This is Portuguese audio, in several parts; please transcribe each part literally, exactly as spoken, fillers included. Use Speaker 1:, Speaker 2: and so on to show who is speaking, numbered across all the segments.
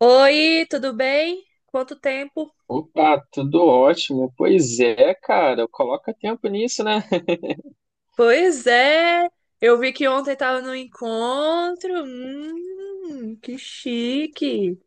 Speaker 1: Oi, tudo bem? Quanto tempo?
Speaker 2: Opa, tudo ótimo. Pois é, cara, coloca tempo nisso, né?
Speaker 1: Pois é, eu vi que ontem estava no encontro. Hum, que chique.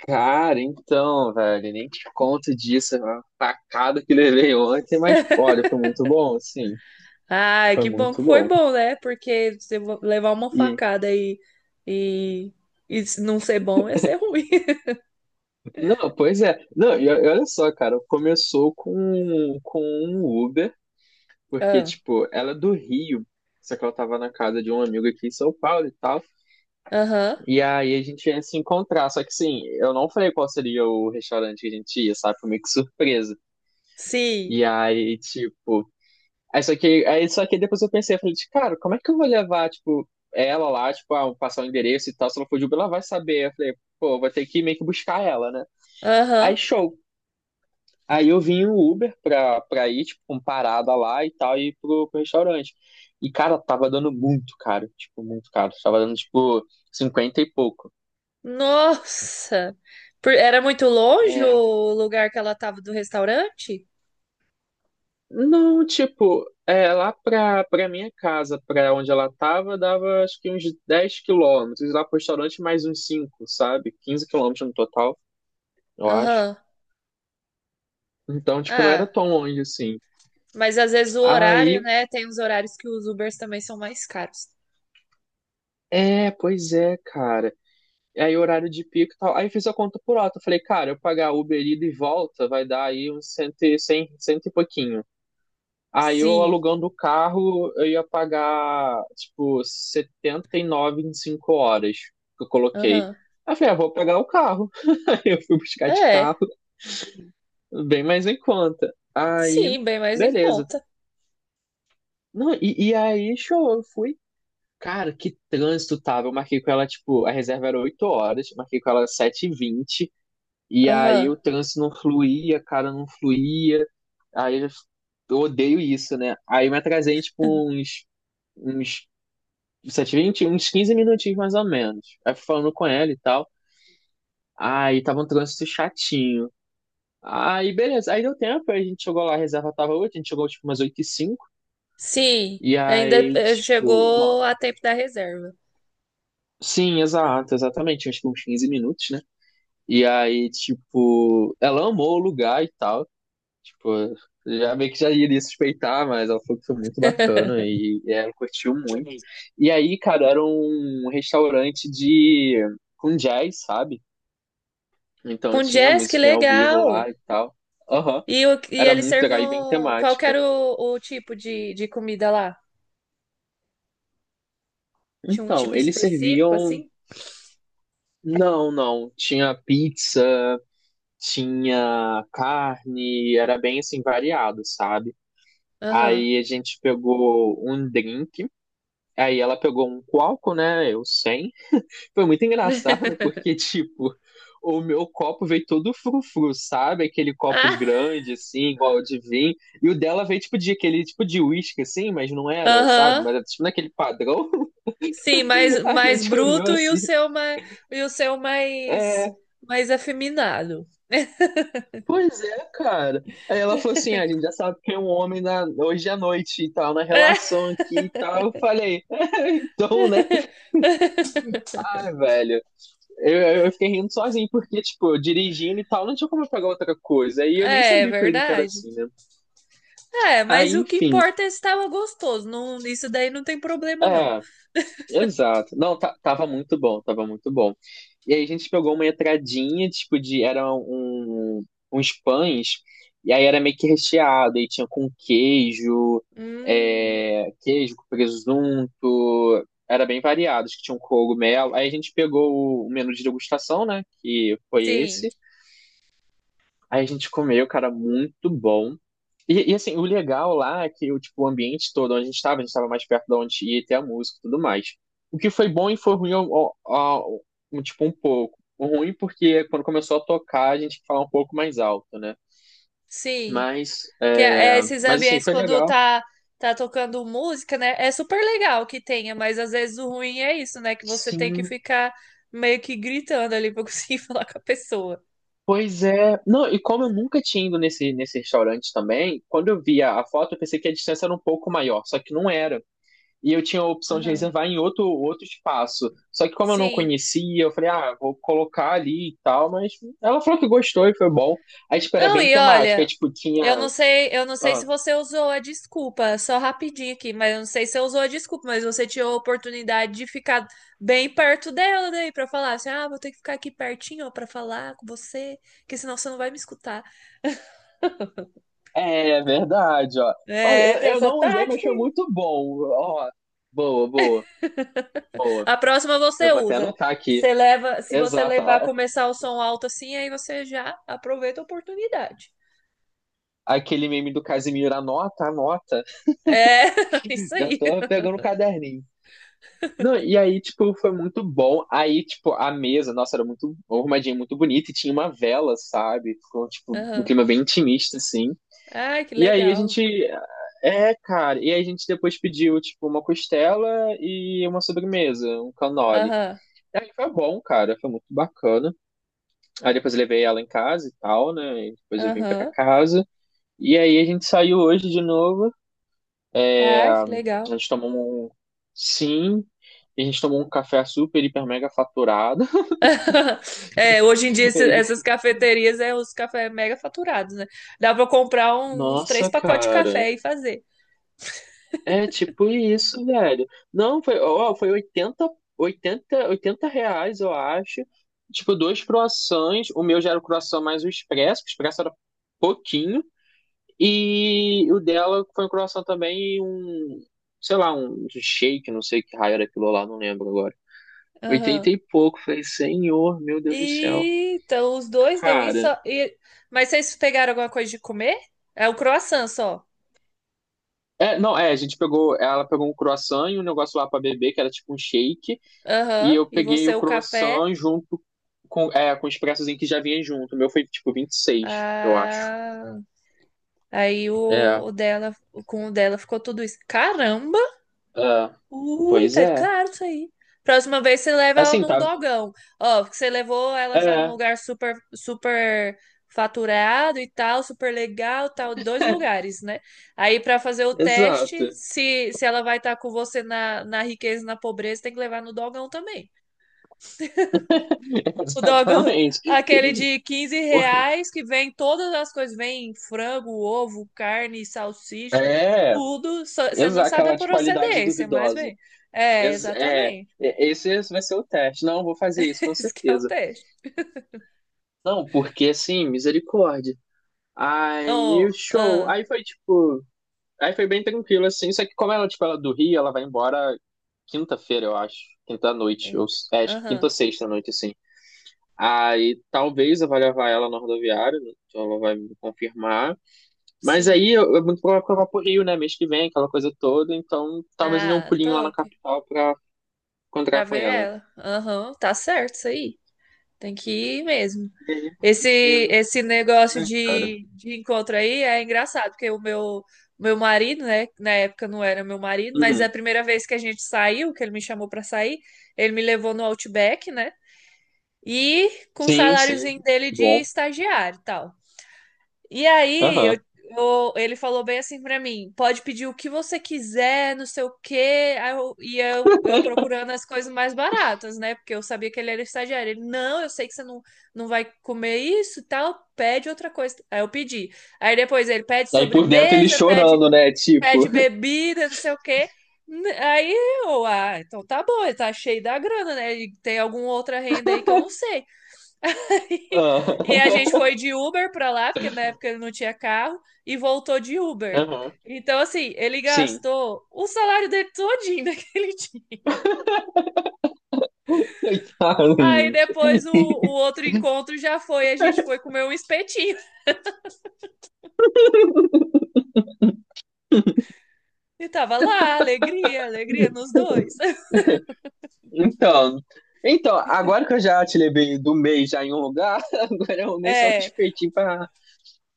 Speaker 2: Cara, então, velho, nem te conto disso, a facada que levei ontem, mas olha, foi muito bom, sim,
Speaker 1: Ai,
Speaker 2: foi
Speaker 1: que bom
Speaker 2: muito
Speaker 1: que foi
Speaker 2: bom.
Speaker 1: bom, né? Porque se eu levar uma
Speaker 2: E
Speaker 1: facada e, e, e se não ser bom ia ser ruim.
Speaker 2: não, pois é. Não, e, o- e olha só, cara, começou com com um Uber, porque
Speaker 1: Ah,
Speaker 2: tipo, ela é do Rio, só que ela tava na casa de um amigo aqui em São Paulo e tal.
Speaker 1: aham,
Speaker 2: E aí a gente ia se encontrar, só que assim, eu não falei qual seria o restaurante que a gente ia, sabe? Foi meio que surpresa.
Speaker 1: sim,
Speaker 2: E aí, tipo. Aí só que, aí, só que depois eu pensei, eu falei, de, cara, como é que eu vou levar, tipo, ela lá, tipo, ah, passar o endereço e tal, se ela for de Uber, ela vai saber. Eu falei, pô, vou ter que meio que buscar ela, né?
Speaker 1: aham.
Speaker 2: Aí, show. Aí eu vim o Uber pra, pra ir, tipo, com parada lá e tal, e ir pro, pro restaurante. E, cara, tava dando muito caro, tipo, muito caro. Tava dando, tipo, cinquenta e pouco.
Speaker 1: Nossa, Por- era muito longe
Speaker 2: É,
Speaker 1: o lugar que ela estava do restaurante?
Speaker 2: não, tipo, é, lá pra, pra minha casa, pra onde ela tava, dava acho que uns dez quilômetros. Lá pro restaurante, mais uns cinco, sabe? Quinze quilômetros no total, eu acho.
Speaker 1: Aham.
Speaker 2: Então, tipo, não era
Speaker 1: Ah.
Speaker 2: tão longe assim.
Speaker 1: Mas às vezes o horário,
Speaker 2: Aí,
Speaker 1: né? Tem os horários que os Ubers também são mais caros.
Speaker 2: é, pois é, cara. E aí, horário de pico e tal. Aí, fiz a conta por alto. Eu falei, cara, eu pagar Uber ida e volta vai dar aí uns cento, e- cem, cento e pouquinho. Aí eu
Speaker 1: Sim.
Speaker 2: alugando o carro, eu ia pagar, tipo, setenta e nove em cinco horas que eu coloquei.
Speaker 1: Aham.
Speaker 2: Aí eu falei, ah, vou pagar o carro. Aí eu fui buscar de
Speaker 1: É.
Speaker 2: carro, bem mais em conta. Aí,
Speaker 1: Sim, bem mais em
Speaker 2: beleza.
Speaker 1: conta.
Speaker 2: Não, e, e aí, show, eu fui. Cara, que trânsito tava. Eu marquei com ela, tipo, a reserva era oito horas, eu marquei com ela sete e vinte. E aí
Speaker 1: Aham.
Speaker 2: o trânsito não fluía, cara, não fluía. Aí eu odeio isso, né? Aí eu me atrasei, tipo, uns, uns sete e vinte, uns quinze minutinhos mais ou menos. Aí fui falando com ela e tal. Aí tava um trânsito chatinho. Aí, beleza. Aí deu tempo, aí a gente chegou lá, a reserva tava oito, a gente chegou tipo umas oito e cinco.
Speaker 1: Sim.
Speaker 2: E
Speaker 1: Ainda
Speaker 2: aí,
Speaker 1: eh,
Speaker 2: tipo, nó-
Speaker 1: chegou a tempo da reserva.
Speaker 2: sim, exato, exatamente, acho que uns quinze minutos, né? E aí, tipo, ela amou o lugar e tal. Tipo, já meio que já iria suspeitar, mas ela falou que foi muito bacana e, e ela curtiu muito. E aí, cara, era um restaurante de com jazz, sabe? Então
Speaker 1: Com
Speaker 2: tinha
Speaker 1: jazz, que
Speaker 2: musiquinha ao vivo
Speaker 1: legal.
Speaker 2: lá e tal. Aham.
Speaker 1: E, o, e
Speaker 2: Era
Speaker 1: eles
Speaker 2: muito legal e bem
Speaker 1: serviam. Qual que
Speaker 2: temática.
Speaker 1: era o, o tipo de, de comida lá? Tinha um
Speaker 2: Então,
Speaker 1: tipo
Speaker 2: eles
Speaker 1: específico,
Speaker 2: serviam.
Speaker 1: assim?
Speaker 2: Não, não. Tinha pizza, tinha carne, era bem assim variado, sabe?
Speaker 1: Aham.
Speaker 2: Aí a gente pegou um drink, aí ela pegou um coalco, né? Eu sem. Foi muito engraçado, porque, tipo, o meu copo veio todo frufru, sabe? Aquele copo
Speaker 1: Ah,
Speaker 2: grande, assim, igual de vinho. E o dela veio, tipo, de aquele tipo de uísque, assim, mas não era, sabe?
Speaker 1: aham.
Speaker 2: Mas era, tipo, naquele padrão.
Speaker 1: Sim, mais,
Speaker 2: A
Speaker 1: mais
Speaker 2: gente olhou
Speaker 1: bruto e o
Speaker 2: assim.
Speaker 1: seu mais, e o seu mais,
Speaker 2: É,
Speaker 1: mais afeminado.
Speaker 2: pois é, cara. Aí ela falou assim: "Ah, a gente já sabe que é um homem na, hoje à noite e tal, na
Speaker 1: É,
Speaker 2: relação aqui e tal." Eu falei: "É, então, né?" Ai, velho. Eu, eu fiquei rindo sozinho, porque, tipo, dirigindo e tal, não tinha como eu pegar outra coisa. Aí eu nem
Speaker 1: é
Speaker 2: sabia que o link era
Speaker 1: verdade.
Speaker 2: assim, né?
Speaker 1: É,
Speaker 2: Aí,
Speaker 1: mas o que
Speaker 2: enfim.
Speaker 1: importa é se tava gostoso. Não, isso daí não tem problema, não.
Speaker 2: É, exato. Não, ta- tava muito bom, tava muito bom. E aí a gente pegou uma entradinha, tipo, de. Era um, uns pães, e aí era meio que recheado, e tinha com queijo,
Speaker 1: Hum,
Speaker 2: é, queijo com presunto. Era bem variado, acho que tinha um cogumelo. Aí a gente pegou o menu de degustação, né? Que foi
Speaker 1: sim,
Speaker 2: esse. Aí a gente comeu, cara, muito bom. E, e, assim, o legal lá é que o, tipo, o ambiente todo onde a gente estava, a gente estava mais perto de onde ia ter a música e tudo mais. O que foi bom e foi ruim, ao- ao- ao- um, tipo, um pouco. O ruim porque quando começou a tocar, a gente tinha que falar um pouco mais alto, né?
Speaker 1: sim.
Speaker 2: Mas,
Speaker 1: Que é, é
Speaker 2: é,
Speaker 1: esses
Speaker 2: mas assim,
Speaker 1: ambientes
Speaker 2: foi
Speaker 1: quando
Speaker 2: legal.
Speaker 1: tá tá tocando música, né? É super legal que tenha, mas às vezes o ruim é isso, né? Que você tem que
Speaker 2: Sim,
Speaker 1: ficar meio que gritando ali pra conseguir falar com a pessoa.
Speaker 2: pois é. Não, e como eu nunca tinha ido nesse, nesse restaurante também, quando eu vi a, a foto, eu pensei que a distância era um pouco maior, só que não era. E eu tinha a opção de
Speaker 1: Aham.
Speaker 2: reservar em outro, outro espaço. Só que como eu não
Speaker 1: Sim.
Speaker 2: conhecia, eu falei, ah, vou colocar ali e tal, mas ela falou que gostou e foi bom. Aí, tipo, era
Speaker 1: Não,
Speaker 2: bem
Speaker 1: e
Speaker 2: temático. Aí,
Speaker 1: olha,
Speaker 2: tipo, tinha.
Speaker 1: eu não sei, eu não sei se
Speaker 2: Ó,
Speaker 1: você usou a desculpa, só rapidinho aqui, mas eu não sei se você usou a desculpa, mas você tinha a oportunidade de ficar bem perto dela daí pra falar assim: "Ah, vou ter que ficar aqui pertinho ó, pra falar com você, porque senão você não vai me escutar".
Speaker 2: é verdade, ó. Olha,
Speaker 1: É, tem
Speaker 2: eu, eu
Speaker 1: essa
Speaker 2: não usei, mas
Speaker 1: tática.
Speaker 2: foi
Speaker 1: Aí.
Speaker 2: muito bom. Ó, boa, boa.
Speaker 1: A próxima
Speaker 2: Eu
Speaker 1: você
Speaker 2: vou até
Speaker 1: usa.
Speaker 2: anotar
Speaker 1: Você
Speaker 2: aqui.
Speaker 1: leva, se você
Speaker 2: Exato.
Speaker 1: levar
Speaker 2: a-
Speaker 1: começar o som alto assim, aí você já aproveita a oportunidade.
Speaker 2: Aquele meme do Casimiro, anota, anota.
Speaker 1: É, isso
Speaker 2: Já
Speaker 1: aí.
Speaker 2: tô pegando o caderninho. Não, e aí, tipo, foi muito bom. Aí, tipo, a mesa, nossa, era muito arrumadinha, muito bonita, e tinha uma vela, sabe? Ficou, tipo, um
Speaker 1: Aham.
Speaker 2: clima bem intimista, assim.
Speaker 1: Ai, que
Speaker 2: E aí a
Speaker 1: legal.
Speaker 2: gente. É, cara. E aí a gente depois pediu, tipo, uma costela e uma sobremesa, um cannoli.
Speaker 1: Aham.
Speaker 2: E aí foi bom, cara, foi muito bacana. Aí depois eu levei ela em casa e tal, né? E depois eu vim pra
Speaker 1: Aham.
Speaker 2: casa. E aí a gente saiu hoje de novo. É,
Speaker 1: Ai,
Speaker 2: a
Speaker 1: que legal.
Speaker 2: gente tomou um, sim, e a gente tomou um café super, hiper, mega faturado.
Speaker 1: É, hoje em dia esse- essas
Speaker 2: E
Speaker 1: cafeterias é os cafés mega faturados, né? Dá pra comprar um- uns três
Speaker 2: nossa,
Speaker 1: pacotes de
Speaker 2: cara.
Speaker 1: café e fazer.
Speaker 2: É tipo isso, velho. Não, foi, ó, foi oitenta oitenta oitenta reais, eu acho. Tipo, dois croissants. O meu já era o croissant mais o expresso, que o expresso era pouquinho. E o dela foi um croissant também e um, sei lá, um shake, não sei que raio era aquilo lá, não lembro agora. Oitenta
Speaker 1: Aham.
Speaker 2: e pouco. Falei, senhor, meu Deus do céu,
Speaker 1: E, então, os dois deu isso.
Speaker 2: cara.
Speaker 1: E... Mas vocês pegaram alguma coisa de comer? É o croissant só.
Speaker 2: É, não, é, a gente pegou, ela pegou um croissant e um negócio lá pra beber, que era tipo um shake, e
Speaker 1: Aham.
Speaker 2: eu
Speaker 1: E
Speaker 2: peguei
Speaker 1: você
Speaker 2: o
Speaker 1: o café.
Speaker 2: croissant junto com, é, com o expressozinho que já vinha junto. O meu foi tipo vinte e seis, eu acho.
Speaker 1: Ah, aí o,
Speaker 2: É,
Speaker 1: o dela, com o dela ficou tudo isso. Caramba!
Speaker 2: é,
Speaker 1: Ui,
Speaker 2: pois
Speaker 1: tá
Speaker 2: é.
Speaker 1: caro isso aí. Próxima vez você leva ela
Speaker 2: Assim,
Speaker 1: num
Speaker 2: tá,
Speaker 1: dogão. Ó, porque você levou ela já num
Speaker 2: é,
Speaker 1: lugar super, super faturado e tal, super legal, tal, dois lugares, né? Aí pra fazer o
Speaker 2: exato,
Speaker 1: teste, se, se ela vai estar com você na, na riqueza, e na pobreza, tem que levar no dogão também. O dogão,
Speaker 2: exatamente.
Speaker 1: aquele de quinze reais, que vem todas as coisas, vem frango, ovo, carne, salsicha,
Speaker 2: É,
Speaker 1: tudo. Só- Você não
Speaker 2: exa
Speaker 1: sabe a
Speaker 2: aquela de qualidade
Speaker 1: procedência, mas
Speaker 2: duvidosa.
Speaker 1: vem. É,
Speaker 2: Ex- é,
Speaker 1: exatamente.
Speaker 2: é, esse vai ser o teste. Não, vou fazer isso, com
Speaker 1: Isso que é o
Speaker 2: certeza.
Speaker 1: teste.
Speaker 2: Não, porque assim, misericórdia. Aí o
Speaker 1: Oh,
Speaker 2: show.
Speaker 1: ah,
Speaker 2: Aí foi tipo. Aí foi bem tranquilo, assim. Só que como ela, tipo, ela é do Rio, ela vai embora quinta-feira, eu acho. Quinta-noite. Ou,
Speaker 1: eita,
Speaker 2: é, acho que quinta
Speaker 1: aham,
Speaker 2: ou sexta-noite, assim. Aí talvez eu vá levar ela na rodoviária, né? Então ela vai me confirmar. Mas aí
Speaker 1: sim.
Speaker 2: eu- é muito provável que eu vá pro Rio, né? Mês que vem, aquela coisa toda. Então talvez eu dê um
Speaker 1: Ah,
Speaker 2: pulinho lá na
Speaker 1: top.
Speaker 2: capital pra encontrar
Speaker 1: Pra
Speaker 2: com
Speaker 1: ver
Speaker 2: ela.
Speaker 1: ela. Aham, tá certo isso aí. Tem que ir mesmo.
Speaker 2: E aí foi um
Speaker 1: Esse,
Speaker 2: ensino,
Speaker 1: esse negócio
Speaker 2: né, cara?
Speaker 1: de, de encontro aí é engraçado, porque o meu, meu marido, né, na época não era meu marido, mas a
Speaker 2: Uhum.
Speaker 1: primeira vez que a gente saiu, que ele me chamou pra sair, ele me levou no Outback, né? E com o
Speaker 2: Sim, sim.
Speaker 1: saláriozinho dele de
Speaker 2: Bom.
Speaker 1: estagiário e tal. E aí, eu-
Speaker 2: Aham.
Speaker 1: eu- ele falou bem assim pra mim: pode pedir o que você quiser, não sei o quê. Aí eu, e eu, eu procurando as coisas mais baratas, né? Porque eu sabia que ele era estagiário. Ele: não, eu sei que você não, não vai comer isso e tal, pede outra coisa. Aí eu pedi. Aí depois ele pede
Speaker 2: Aí por dentro ele
Speaker 1: sobremesa, pede,
Speaker 2: chorando, né? Tipo.
Speaker 1: pede bebida, não sei o quê. N- Aí eu, ah, então tá bom, ele tá cheio da grana, né? E tem alguma outra renda aí que eu não sei. E a gente
Speaker 2: Ah,
Speaker 1: foi de Uber pra lá, porque na época ele não tinha carro, e voltou de Uber.
Speaker 2: aham.
Speaker 1: Então, assim, ele
Speaker 2: Sim.
Speaker 1: gastou o salário dele todinho naquele dia.
Speaker 2: Coitado,
Speaker 1: Aí
Speaker 2: gente.
Speaker 1: depois o, o outro encontro já foi, a gente foi comer um espetinho. E tava lá, alegria, alegria nos dois.
Speaker 2: Então. Então, agora que eu já te levei do mês já em um lugar, agora eu nem só no
Speaker 1: É,
Speaker 2: espetinho pra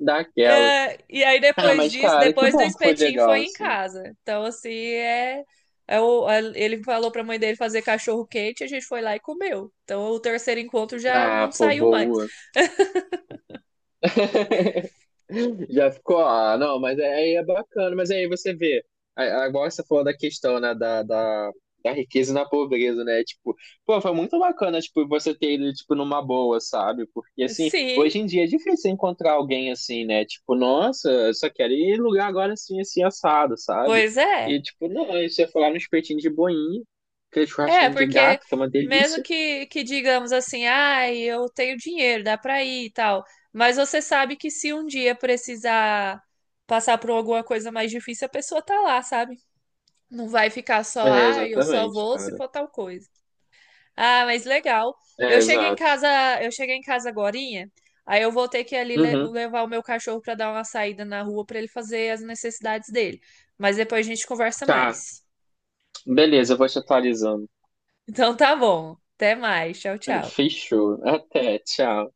Speaker 2: dar aquela.
Speaker 1: é, e aí
Speaker 2: Ah,
Speaker 1: depois
Speaker 2: mas
Speaker 1: disso,
Speaker 2: cara, que
Speaker 1: depois do
Speaker 2: bom que foi
Speaker 1: espetinho
Speaker 2: legal,
Speaker 1: foi em
Speaker 2: assim.
Speaker 1: casa. Então, assim, é, é o- a- ele falou pra mãe dele fazer cachorro quente, a gente foi lá e comeu. Então, o terceiro encontro já
Speaker 2: Ah,
Speaker 1: não
Speaker 2: pô,
Speaker 1: saiu mais.
Speaker 2: boa. Já ficou, ah, não, mas é, aí é bacana, mas aí você vê, a- a- agora você falou da questão, né, da, da, da riqueza na pobreza, né, tipo, pô, foi muito bacana, tipo, você ter ido, tipo, numa boa, sabe, porque, assim,
Speaker 1: Sim,
Speaker 2: hoje em dia é difícil encontrar alguém assim, né, tipo, nossa, eu só quero ir em lugar agora assim, assim, assado, sabe,
Speaker 1: pois
Speaker 2: e,
Speaker 1: é.
Speaker 2: tipo, não, aí você ia falar no espetinho de boinha, aquele
Speaker 1: É,
Speaker 2: churrasquinho de
Speaker 1: porque
Speaker 2: gato, que é uma
Speaker 1: mesmo
Speaker 2: delícia,
Speaker 1: que, que digamos assim, ai, eu tenho dinheiro, dá pra ir e tal, mas você sabe que se um dia precisar passar por alguma coisa mais difícil, a pessoa tá lá, sabe? Não vai ficar só,
Speaker 2: é,
Speaker 1: ai, eu só
Speaker 2: exatamente,
Speaker 1: vou se
Speaker 2: cara,
Speaker 1: for tal coisa. Ah, mas legal. Eu
Speaker 2: é,
Speaker 1: cheguei em
Speaker 2: exato,
Speaker 1: casa, eu cheguei em casa agorinha, aí eu vou ter que ir ali le-
Speaker 2: uhum,
Speaker 1: levar o meu cachorro pra dar uma saída na rua pra ele fazer as necessidades dele. Mas depois a gente conversa
Speaker 2: tá,
Speaker 1: mais.
Speaker 2: beleza, eu vou te atualizando.
Speaker 1: Então tá bom. Até mais. Tchau, tchau.
Speaker 2: Fechou. Até, tchau.